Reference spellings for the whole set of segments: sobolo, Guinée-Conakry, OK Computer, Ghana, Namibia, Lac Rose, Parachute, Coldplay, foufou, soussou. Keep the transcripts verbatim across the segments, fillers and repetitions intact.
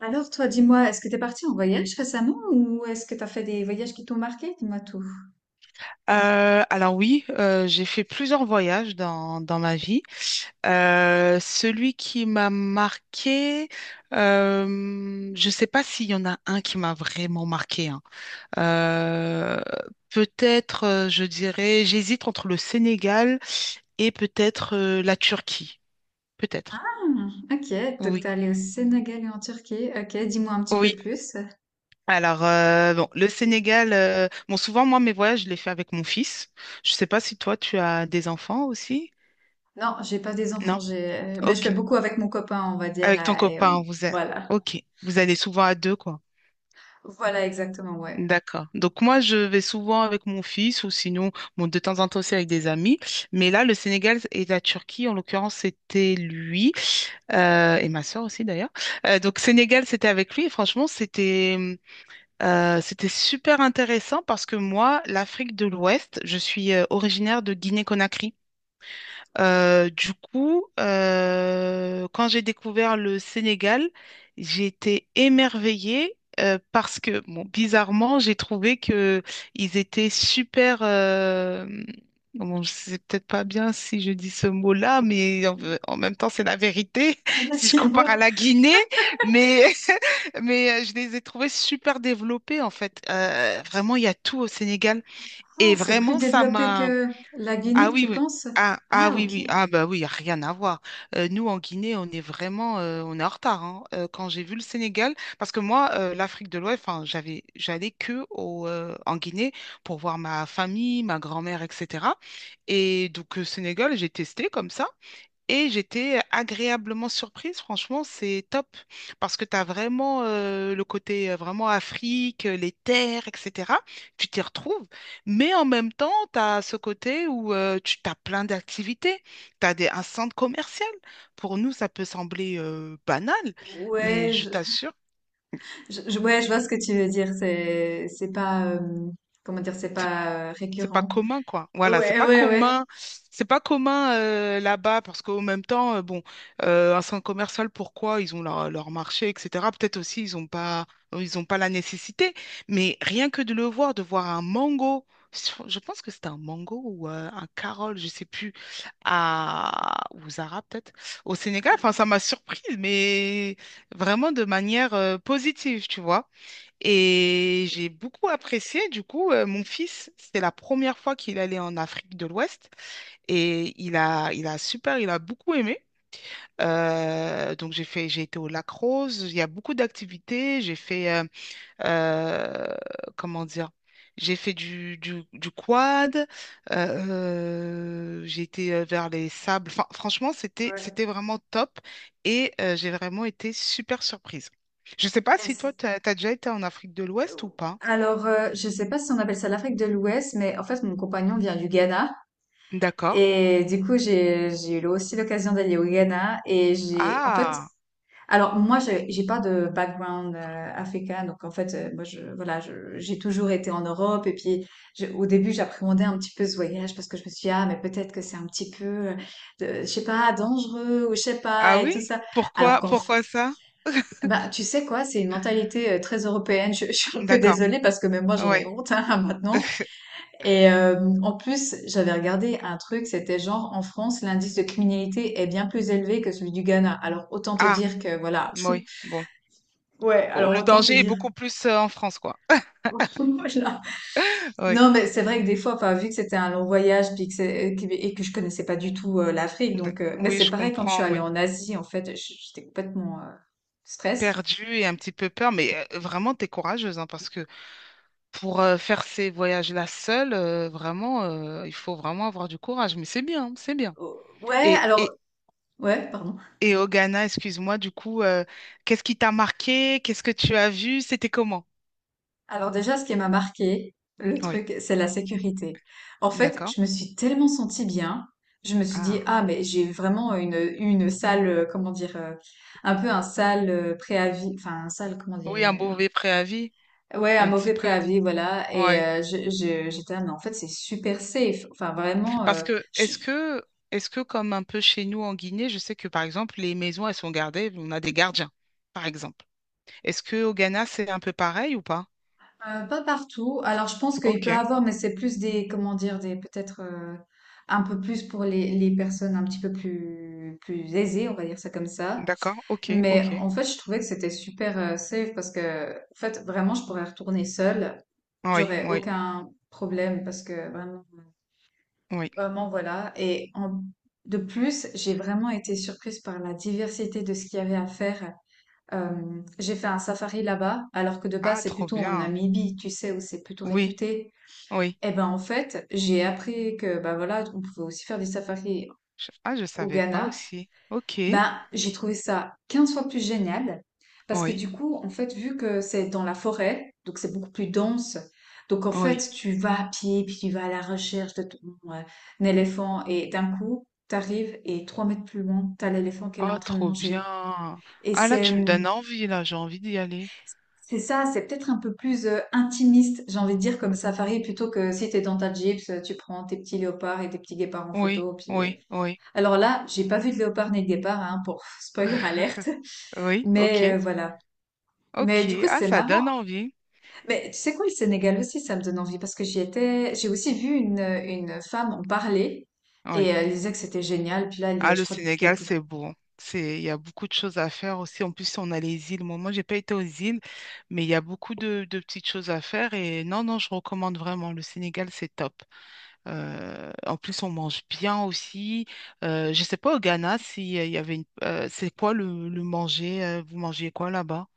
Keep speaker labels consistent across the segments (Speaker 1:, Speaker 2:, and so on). Speaker 1: Alors toi, dis-moi, est-ce que t'es parti en voyage récemment ou est-ce que t'as fait des voyages qui t'ont marqué? Dis-moi tout.
Speaker 2: Euh, alors oui, euh, j'ai fait plusieurs voyages dans, dans ma vie. Euh, celui qui m'a marqué, euh, je ne sais pas s'il y en a un qui m'a vraiment marqué, hein. Euh, peut-être, euh, je dirais, j'hésite entre le Sénégal et peut-être euh, la Turquie.
Speaker 1: Ah,
Speaker 2: Peut-être.
Speaker 1: ok, donc t'es
Speaker 2: Oui.
Speaker 1: allé au Sénégal et en Turquie. Ok, dis-moi un petit peu
Speaker 2: Oui.
Speaker 1: plus.
Speaker 2: Alors, euh, bon, le Sénégal, euh, bon, souvent, moi, mes voyages, je les fais avec mon fils. Je ne sais pas si toi, tu as des enfants aussi.
Speaker 1: Non, j'ai pas des enfants,
Speaker 2: Non?
Speaker 1: j'ai, mais je fais
Speaker 2: Ok.
Speaker 1: beaucoup avec mon copain, on va dire,
Speaker 2: Avec ton
Speaker 1: euh, et
Speaker 2: copain,
Speaker 1: on-
Speaker 2: vous êtes...
Speaker 1: voilà,
Speaker 2: Ok, vous allez souvent à deux, quoi.
Speaker 1: voilà exactement, ouais.
Speaker 2: D'accord. Donc moi, je vais souvent avec mon fils ou sinon, bon, de temps en temps aussi avec des amis. Mais là, le Sénégal et la Turquie, en l'occurrence, c'était lui euh, et ma soeur aussi d'ailleurs. Euh, donc Sénégal, c'était avec lui et franchement, c'était euh, c'était super intéressant parce que moi, l'Afrique de l'Ouest, je suis euh, originaire de Guinée-Conakry. Euh, du coup, euh, quand j'ai découvert le Sénégal, j'ai été émerveillée euh, parce que, bon, bizarrement, j'ai trouvé que ils étaient super. euh, bon, c'est peut-être pas bien si je dis ce mot-là, mais en, en même temps, c'est la vérité si je compare à
Speaker 1: Dis-moi.
Speaker 2: la Guinée. Mais, mais euh, je les ai trouvés super développés en fait. Euh, vraiment, il y a tout au Sénégal
Speaker 1: Ah,
Speaker 2: et
Speaker 1: c'est plus
Speaker 2: vraiment, ça
Speaker 1: développé
Speaker 2: m'a
Speaker 1: que la
Speaker 2: ah
Speaker 1: Guinée,
Speaker 2: oui,
Speaker 1: tu
Speaker 2: oui.
Speaker 1: penses?
Speaker 2: Ah, ah
Speaker 1: Ah,
Speaker 2: oui,
Speaker 1: ok.
Speaker 2: oui. Ah bah oui, y a rien à voir. Euh, nous, en Guinée, on est vraiment euh, on est en retard, hein. Euh, quand j'ai vu le Sénégal, parce que moi, euh, l'Afrique de l'Ouest, enfin, j'avais j'allais que au, euh, en Guinée pour voir ma famille, ma grand-mère, et cetera. Et donc, le Sénégal, j'ai testé comme ça. Et j'étais agréablement surprise, franchement, c'est top, parce que tu as vraiment euh, le côté euh, vraiment Afrique, euh, les terres, et cetera. Tu t'y retrouves, mais en même temps, tu as ce côté où euh, tu as plein d'activités, tu as des, un centre commercial. Pour nous, ça peut sembler euh, banal, mais
Speaker 1: Ouais,
Speaker 2: je
Speaker 1: je,
Speaker 2: t'assure.
Speaker 1: je- je- ouais, je vois ce que tu veux dire. C'est, c'est pas, euh, comment dire, c'est pas euh,
Speaker 2: C'est pas
Speaker 1: récurrent.
Speaker 2: commun, quoi. Voilà, c'est
Speaker 1: Ouais,
Speaker 2: pas
Speaker 1: ouais, ouais.
Speaker 2: commun. C'est pas commun euh, là-bas parce qu'au même temps, euh, bon, euh, un centre commercial, pourquoi? Ils ont leur, leur marché, et cetera. Peut-être aussi, ils ont pas, ils ont pas la nécessité. Mais rien que de le voir, de voir un mango, je pense que c'était un mango ou euh, un carole, je sais plus, à ou Zara peut-être, au Sénégal. Enfin, ça m'a surprise, mais vraiment de manière euh, positive, tu vois. Et j'ai beaucoup apprécié, du coup, euh, mon fils, c'était la première fois qu'il allait en Afrique de l'Ouest et il a, il a super, il a beaucoup aimé. Euh, donc j'ai fait, j'ai été au Lac Rose, il y a beaucoup d'activités, j'ai fait, euh, euh, comment dire, j'ai fait du, du, du quad, euh, euh, j'ai été euh, vers les sables, enfin franchement c'était,
Speaker 1: Ouais.
Speaker 2: c'était vraiment top et euh, j'ai vraiment été super surprise. Je sais pas
Speaker 1: Mais
Speaker 2: si toi,
Speaker 1: c'est-
Speaker 2: tu as déjà été en Afrique de
Speaker 1: euh,
Speaker 2: l'Ouest ou pas.
Speaker 1: Alors, euh, je sais pas si on appelle ça l'Afrique de l'Ouest, mais en fait, mon compagnon vient du Ghana.
Speaker 2: D'accord.
Speaker 1: Et du coup, j'ai, j'ai eu aussi l'occasion d'aller au Ghana. Et j'ai, en fait,
Speaker 2: Ah,
Speaker 1: alors moi, j'ai j'ai pas de background euh, africain. Donc, en fait, euh, moi, je, voilà, je- j'ai toujours été en Europe. Et puis, je- au début, j'appréhendais un petit peu ce voyage parce que je me suis dit, ah, mais peut-être que c'est un petit peu, euh, de- je sais pas, dangereux ou je sais
Speaker 2: ah
Speaker 1: pas, et
Speaker 2: oui?
Speaker 1: tout ça. Alors
Speaker 2: Pourquoi,
Speaker 1: qu'en
Speaker 2: pourquoi ça?
Speaker 1: Bah, tu sais quoi, c'est une mentalité euh, très européenne. Je, je suis un peu
Speaker 2: D'accord.
Speaker 1: désolée parce que même moi j'en
Speaker 2: Oui.
Speaker 1: ai honte, hein, maintenant. Et euh, en plus, j'avais regardé un truc, c'était genre en France, l'indice de criminalité est bien plus élevé que celui du Ghana. Alors autant te
Speaker 2: Ah,
Speaker 1: dire que voilà.
Speaker 2: oui. Bon.
Speaker 1: Ouais,
Speaker 2: Oh,
Speaker 1: alors
Speaker 2: le
Speaker 1: autant te
Speaker 2: danger est
Speaker 1: dire.
Speaker 2: beaucoup plus euh, en France, quoi.
Speaker 1: Voilà.
Speaker 2: Oui.
Speaker 1: Non, mais c'est vrai que des fois, enfin, vu que c'était un long voyage puis que c'est- euh, que- et que je connaissais pas du tout euh, l'Afrique,
Speaker 2: D-
Speaker 1: donc euh, mais
Speaker 2: Oui,
Speaker 1: c'est
Speaker 2: je
Speaker 1: pareil quand je suis
Speaker 2: comprends.
Speaker 1: allée
Speaker 2: Oui.
Speaker 1: en Asie, en fait, j- j'étais complètement euh, stress.
Speaker 2: Perdu et un petit peu peur, mais euh, vraiment, t'es courageuse, hein, parce que pour euh, faire ces voyages-là seule, euh, vraiment, euh, il faut vraiment avoir du courage. Mais c'est bien, c'est bien.
Speaker 1: Oh, ouais,
Speaker 2: Et,
Speaker 1: alors
Speaker 2: et,
Speaker 1: ouais, pardon.
Speaker 2: et au Ghana, excuse-moi, du coup, euh, qu'est-ce qui t'a marqué? Qu'est-ce que tu as vu? C'était comment?
Speaker 1: Alors déjà, ce qui m'a marqué, le
Speaker 2: Oui.
Speaker 1: truc, c'est la sécurité. En fait,
Speaker 2: D'accord.
Speaker 1: je me suis tellement sentie bien. Je me suis dit,
Speaker 2: Ah.
Speaker 1: ah, mais j'ai vraiment une, une salle, euh, comment dire, euh, un peu un sale euh, préavis, enfin, un sale, comment
Speaker 2: Oui, un
Speaker 1: dire,
Speaker 2: mauvais préavis.
Speaker 1: euh, ouais, un
Speaker 2: Un petit
Speaker 1: mauvais
Speaker 2: peu,
Speaker 1: préavis, voilà. Et
Speaker 2: ouais.
Speaker 1: euh, je- je- j'étais, ah, mais en fait, c'est super safe. Enfin, vraiment,
Speaker 2: Parce
Speaker 1: euh,
Speaker 2: que
Speaker 1: je-
Speaker 2: est-ce que est-ce que comme un peu chez nous en Guinée, je sais que par exemple les maisons elles sont gardées, on a des gardiens, par exemple. Est-ce que au Ghana c'est un peu pareil ou pas?
Speaker 1: euh, pas partout. Alors, je pense qu'il
Speaker 2: Ok,
Speaker 1: peut avoir, mais c'est plus des, comment dire, des, peut-être, euh, un peu plus pour les, les personnes un petit peu plus, plus aisées, on va dire ça comme ça.
Speaker 2: d'accord, ok,
Speaker 1: Mais
Speaker 2: ok.
Speaker 1: en fait, je trouvais que c'était super euh, safe parce que, en fait, vraiment, je pourrais retourner seule.
Speaker 2: Oui,
Speaker 1: J'aurais
Speaker 2: oui,
Speaker 1: aucun problème parce que vraiment,
Speaker 2: oui.
Speaker 1: vraiment, voilà. Et en- de plus, j'ai vraiment été surprise par la diversité de ce qu'il y avait à faire. Euh, j'ai fait un safari là-bas, alors que de base,
Speaker 2: Ah,
Speaker 1: c'est
Speaker 2: trop
Speaker 1: plutôt en
Speaker 2: bien.
Speaker 1: Namibie, tu sais, où c'est plutôt
Speaker 2: Oui,
Speaker 1: réputé.
Speaker 2: oui.
Speaker 1: Et ben, en fait, j'ai appris que, bah voilà, on pouvait aussi faire des safaris
Speaker 2: Je- Ah, je
Speaker 1: au
Speaker 2: savais pas
Speaker 1: Ghana.
Speaker 2: aussi. Ok,
Speaker 1: Ben, j'ai trouvé ça quinze fois plus génial parce que
Speaker 2: oui,
Speaker 1: du coup, en fait, vu que c'est dans la forêt, donc c'est beaucoup plus dense. Donc en
Speaker 2: oui.
Speaker 1: fait, tu vas à pied, puis tu vas à la recherche de ton euh, un éléphant et d'un coup, t'arrives et trois mètres plus loin, t'as l'éléphant qu'elle est
Speaker 2: Ah,
Speaker 1: en train de
Speaker 2: trop
Speaker 1: manger.
Speaker 2: bien.
Speaker 1: Et
Speaker 2: Ah là,
Speaker 1: c'est
Speaker 2: tu me
Speaker 1: hum,
Speaker 2: donnes envie là, j'ai envie d'y aller.
Speaker 1: c'est ça, c'est peut-être un peu plus euh, intimiste, j'ai envie de dire, comme safari, plutôt que si t'es dans ta Jeep, tu prends tes petits léopards et tes petits guépards en
Speaker 2: Oui,
Speaker 1: photo. Puis euh.
Speaker 2: oui, oui.
Speaker 1: Alors là, j'ai pas vu de léopard ni de guépard, hein, pour spoiler alerte.
Speaker 2: Oui,
Speaker 1: Mais
Speaker 2: ok,
Speaker 1: euh, voilà. Mais du
Speaker 2: ok.
Speaker 1: coup,
Speaker 2: Ah,
Speaker 1: c'est
Speaker 2: ça
Speaker 1: marrant.
Speaker 2: donne envie.
Speaker 1: Mais tu sais quoi, le Sénégal aussi, ça me donne envie parce que j'y étais, j'ai aussi vu une, une femme en parler
Speaker 2: Oui.
Speaker 1: et euh, elle disait que c'était génial. Puis là, elle y est,
Speaker 2: Ah,
Speaker 1: je
Speaker 2: le
Speaker 1: crois, depuis
Speaker 2: Sénégal,
Speaker 1: quelques
Speaker 2: c'est beau. C'est, il y a beaucoup de choses à faire aussi. En plus, on a les îles. Moi, moi, j'ai pas été aux îles, mais il y a beaucoup de, de petites choses à faire. Et non, non, je recommande vraiment. Le Sénégal, c'est top. Euh, en plus, on mange bien aussi. Euh, je sais pas au Ghana si euh, il y avait une. Euh, c'est quoi le, le manger? Euh, vous mangez quoi là-bas?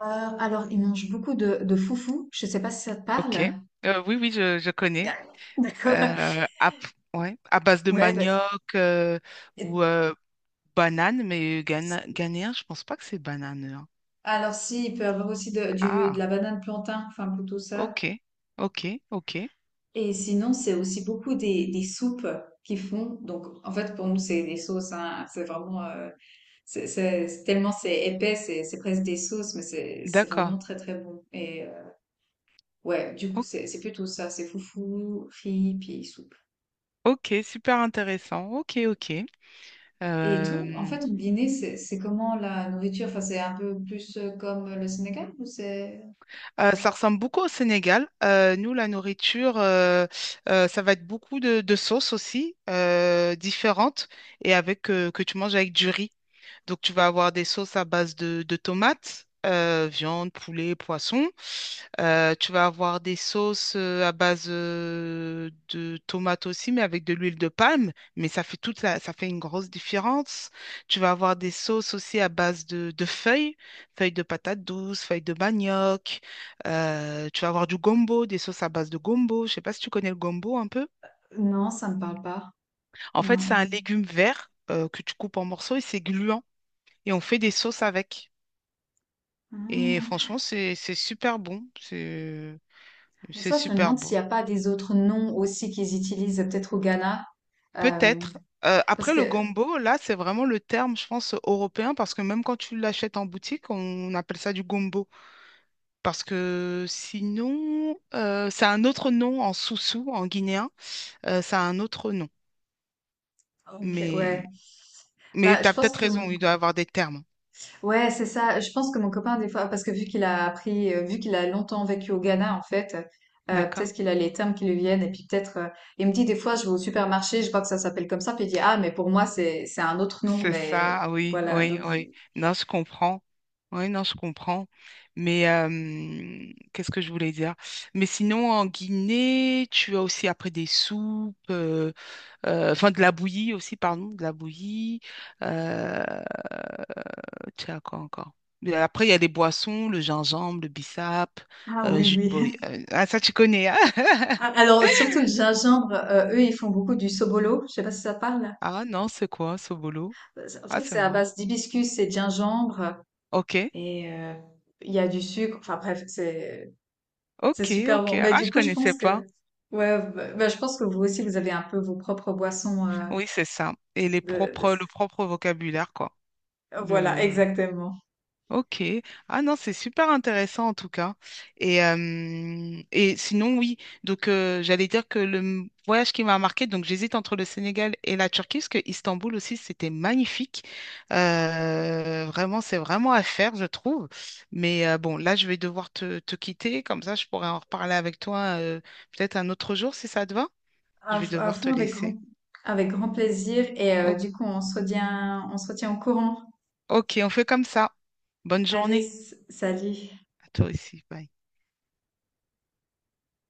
Speaker 1: heures. Alors, ils mangent beaucoup de, de foufou. Je sais pas si ça te
Speaker 2: Ok.
Speaker 1: parle.
Speaker 2: Euh, oui, oui, je, je connais.
Speaker 1: Ah, d'accord.
Speaker 2: Euh, à, ouais, à base de
Speaker 1: Ouais, bah,
Speaker 2: manioc euh,
Speaker 1: c'est-
Speaker 2: ou euh, banane, mais Ghana, ghanéen, je pense pas que c'est banane.
Speaker 1: alors si, il peut y avoir aussi de, du, de
Speaker 2: Ah,
Speaker 1: la banane plantain, enfin plutôt ça.
Speaker 2: ok, ok, ok.
Speaker 1: Et sinon, c'est aussi beaucoup des, des soupes qu'ils font. Donc, en fait, pour nous, c'est des sauces. Hein. C'est vraiment, euh, c'est, c'est- c'est tellement c'est épais, c'est, c'est presque des sauces, mais c'est, c'est
Speaker 2: D'accord.
Speaker 1: vraiment très très bon. Et euh, ouais, du coup,
Speaker 2: O-
Speaker 1: c'est, c'est plutôt ça. C'est foufou, riz, puis soupe.
Speaker 2: Ok, super intéressant. Ok, ok.
Speaker 1: Et tout, en
Speaker 2: Euh,
Speaker 1: fait, combiné, c'est, c'est comment la nourriture? Enfin, c'est un peu plus euh, comme le Sénégal ou c'est.
Speaker 2: euh, ça ressemble beaucoup au Sénégal. Euh, nous, la nourriture, euh, euh, ça va être beaucoup de, de sauces aussi, euh, différentes, et avec euh, que tu manges avec du riz. Donc, tu vas avoir des sauces à base de, de tomates, euh, viande, poulet, poisson. Euh, tu vas avoir des sauces euh, à base euh, de tomates aussi, mais avec de l'huile de palme. Mais ça fait toute la, ça fait une grosse différence. Tu vas avoir des sauces aussi à base de, de feuilles, feuilles de patates douces, feuilles de manioc. Euh, tu vas avoir du gombo, des sauces à base de gombo. Je sais pas si tu connais le gombo un peu.
Speaker 1: Non, ça me parle pas.
Speaker 2: En fait, c'est
Speaker 1: Non.
Speaker 2: un légume vert euh, que tu coupes en morceaux et c'est gluant. Et on fait des sauces avec. Et
Speaker 1: Ah.
Speaker 2: franchement, c'est c'est super bon. C'est
Speaker 1: Des
Speaker 2: c'est
Speaker 1: fois, je me
Speaker 2: super
Speaker 1: demande
Speaker 2: bon.
Speaker 1: s'il n'y a pas des autres noms aussi qu'ils utilisent, peut-être au Ghana. Euh,
Speaker 2: Peut-être. Euh,
Speaker 1: Parce
Speaker 2: après, le
Speaker 1: que,
Speaker 2: gombo, là, c'est vraiment le terme, je pense, européen, parce que même quand tu l'achètes en boutique, on appelle ça du gombo. Parce que sinon, euh, c'est un autre nom en soussou, en guinéen, euh, ça a un autre nom.
Speaker 1: ok, ouais.
Speaker 2: Mais, mais
Speaker 1: Bah,
Speaker 2: tu
Speaker 1: je
Speaker 2: as
Speaker 1: pense
Speaker 2: peut-être
Speaker 1: que mon.
Speaker 2: raison, il doit avoir des termes.
Speaker 1: Ouais, c'est ça. Je pense que mon copain, des fois, parce que vu qu'il a appris, euh, vu qu'il a longtemps vécu au Ghana, en fait, euh,
Speaker 2: D'accord?
Speaker 1: peut-être qu'il a les termes qui lui viennent. Et puis peut-être, euh, il me dit des fois, je vais au supermarché, je vois que ça s'appelle comme ça, puis il dit, ah, mais pour moi, c'est c'est un autre nom,
Speaker 2: C'est ça,
Speaker 1: mais
Speaker 2: ah oui,
Speaker 1: voilà.
Speaker 2: oui,
Speaker 1: Donc,
Speaker 2: oui.
Speaker 1: il-
Speaker 2: Non, je comprends. Oui, non, je comprends. Mais euh, qu'est-ce que je voulais dire? Mais sinon, en Guinée, tu as aussi après des soupes, euh, euh, enfin de la bouillie aussi, pardon, de la bouillie. Euh, tu as quoi encore? Mais après, il y a les boissons, le gingembre, le bissap,
Speaker 1: ah
Speaker 2: euh,
Speaker 1: oui,
Speaker 2: jus de
Speaker 1: oui.
Speaker 2: boy. Euh, ah, ça, tu connais, hein?
Speaker 1: Ah, alors, surtout le gingembre, euh, eux, ils font beaucoup du sobolo. Je sais pas si ça te parle.
Speaker 2: Ah non, c'est quoi, ce boulot?
Speaker 1: En
Speaker 2: Ah,
Speaker 1: fait,
Speaker 2: c'est
Speaker 1: c'est à
Speaker 2: marrant.
Speaker 1: base d'hibiscus et de gingembre,
Speaker 2: Ok,
Speaker 1: et euh, il y a du sucre. Enfin bref, c'est C'est
Speaker 2: ok,
Speaker 1: super
Speaker 2: ok.
Speaker 1: bon. Bah,
Speaker 2: Ah,
Speaker 1: du
Speaker 2: je
Speaker 1: coup, je
Speaker 2: connaissais
Speaker 1: pense
Speaker 2: pas.
Speaker 1: que, ouais, bah, bah, je pense que vous aussi, vous avez un peu vos propres boissons, euh,
Speaker 2: Oui, c'est ça. Et les
Speaker 1: de, de
Speaker 2: propres,
Speaker 1: ce-
Speaker 2: le propre vocabulaire, quoi.
Speaker 1: Voilà,
Speaker 2: Le...
Speaker 1: exactement.
Speaker 2: Ok. Ah non, c'est super intéressant en tout cas. Et, euh, et sinon, oui. Donc, euh, j'allais dire que le m- voyage qui m'a marqué, donc j'hésite entre le Sénégal et la Turquie, parce que Istanbul aussi, c'était magnifique. Euh, vraiment, c'est vraiment à faire, je trouve. Mais euh, bon, là, je vais devoir te, te quitter. Comme ça, je pourrais en reparler avec toi euh, peut-être un autre jour, si ça te va. Je
Speaker 1: À,
Speaker 2: vais
Speaker 1: f- à
Speaker 2: devoir te
Speaker 1: fond, avec grand,
Speaker 2: laisser.
Speaker 1: avec grand plaisir. Et euh,
Speaker 2: OK.
Speaker 1: du coup, on se retient, on se retient au courant.
Speaker 2: Ok, on fait comme ça. Bonne
Speaker 1: Allez,
Speaker 2: journée
Speaker 1: s- salut.
Speaker 2: à toi aussi. Bye.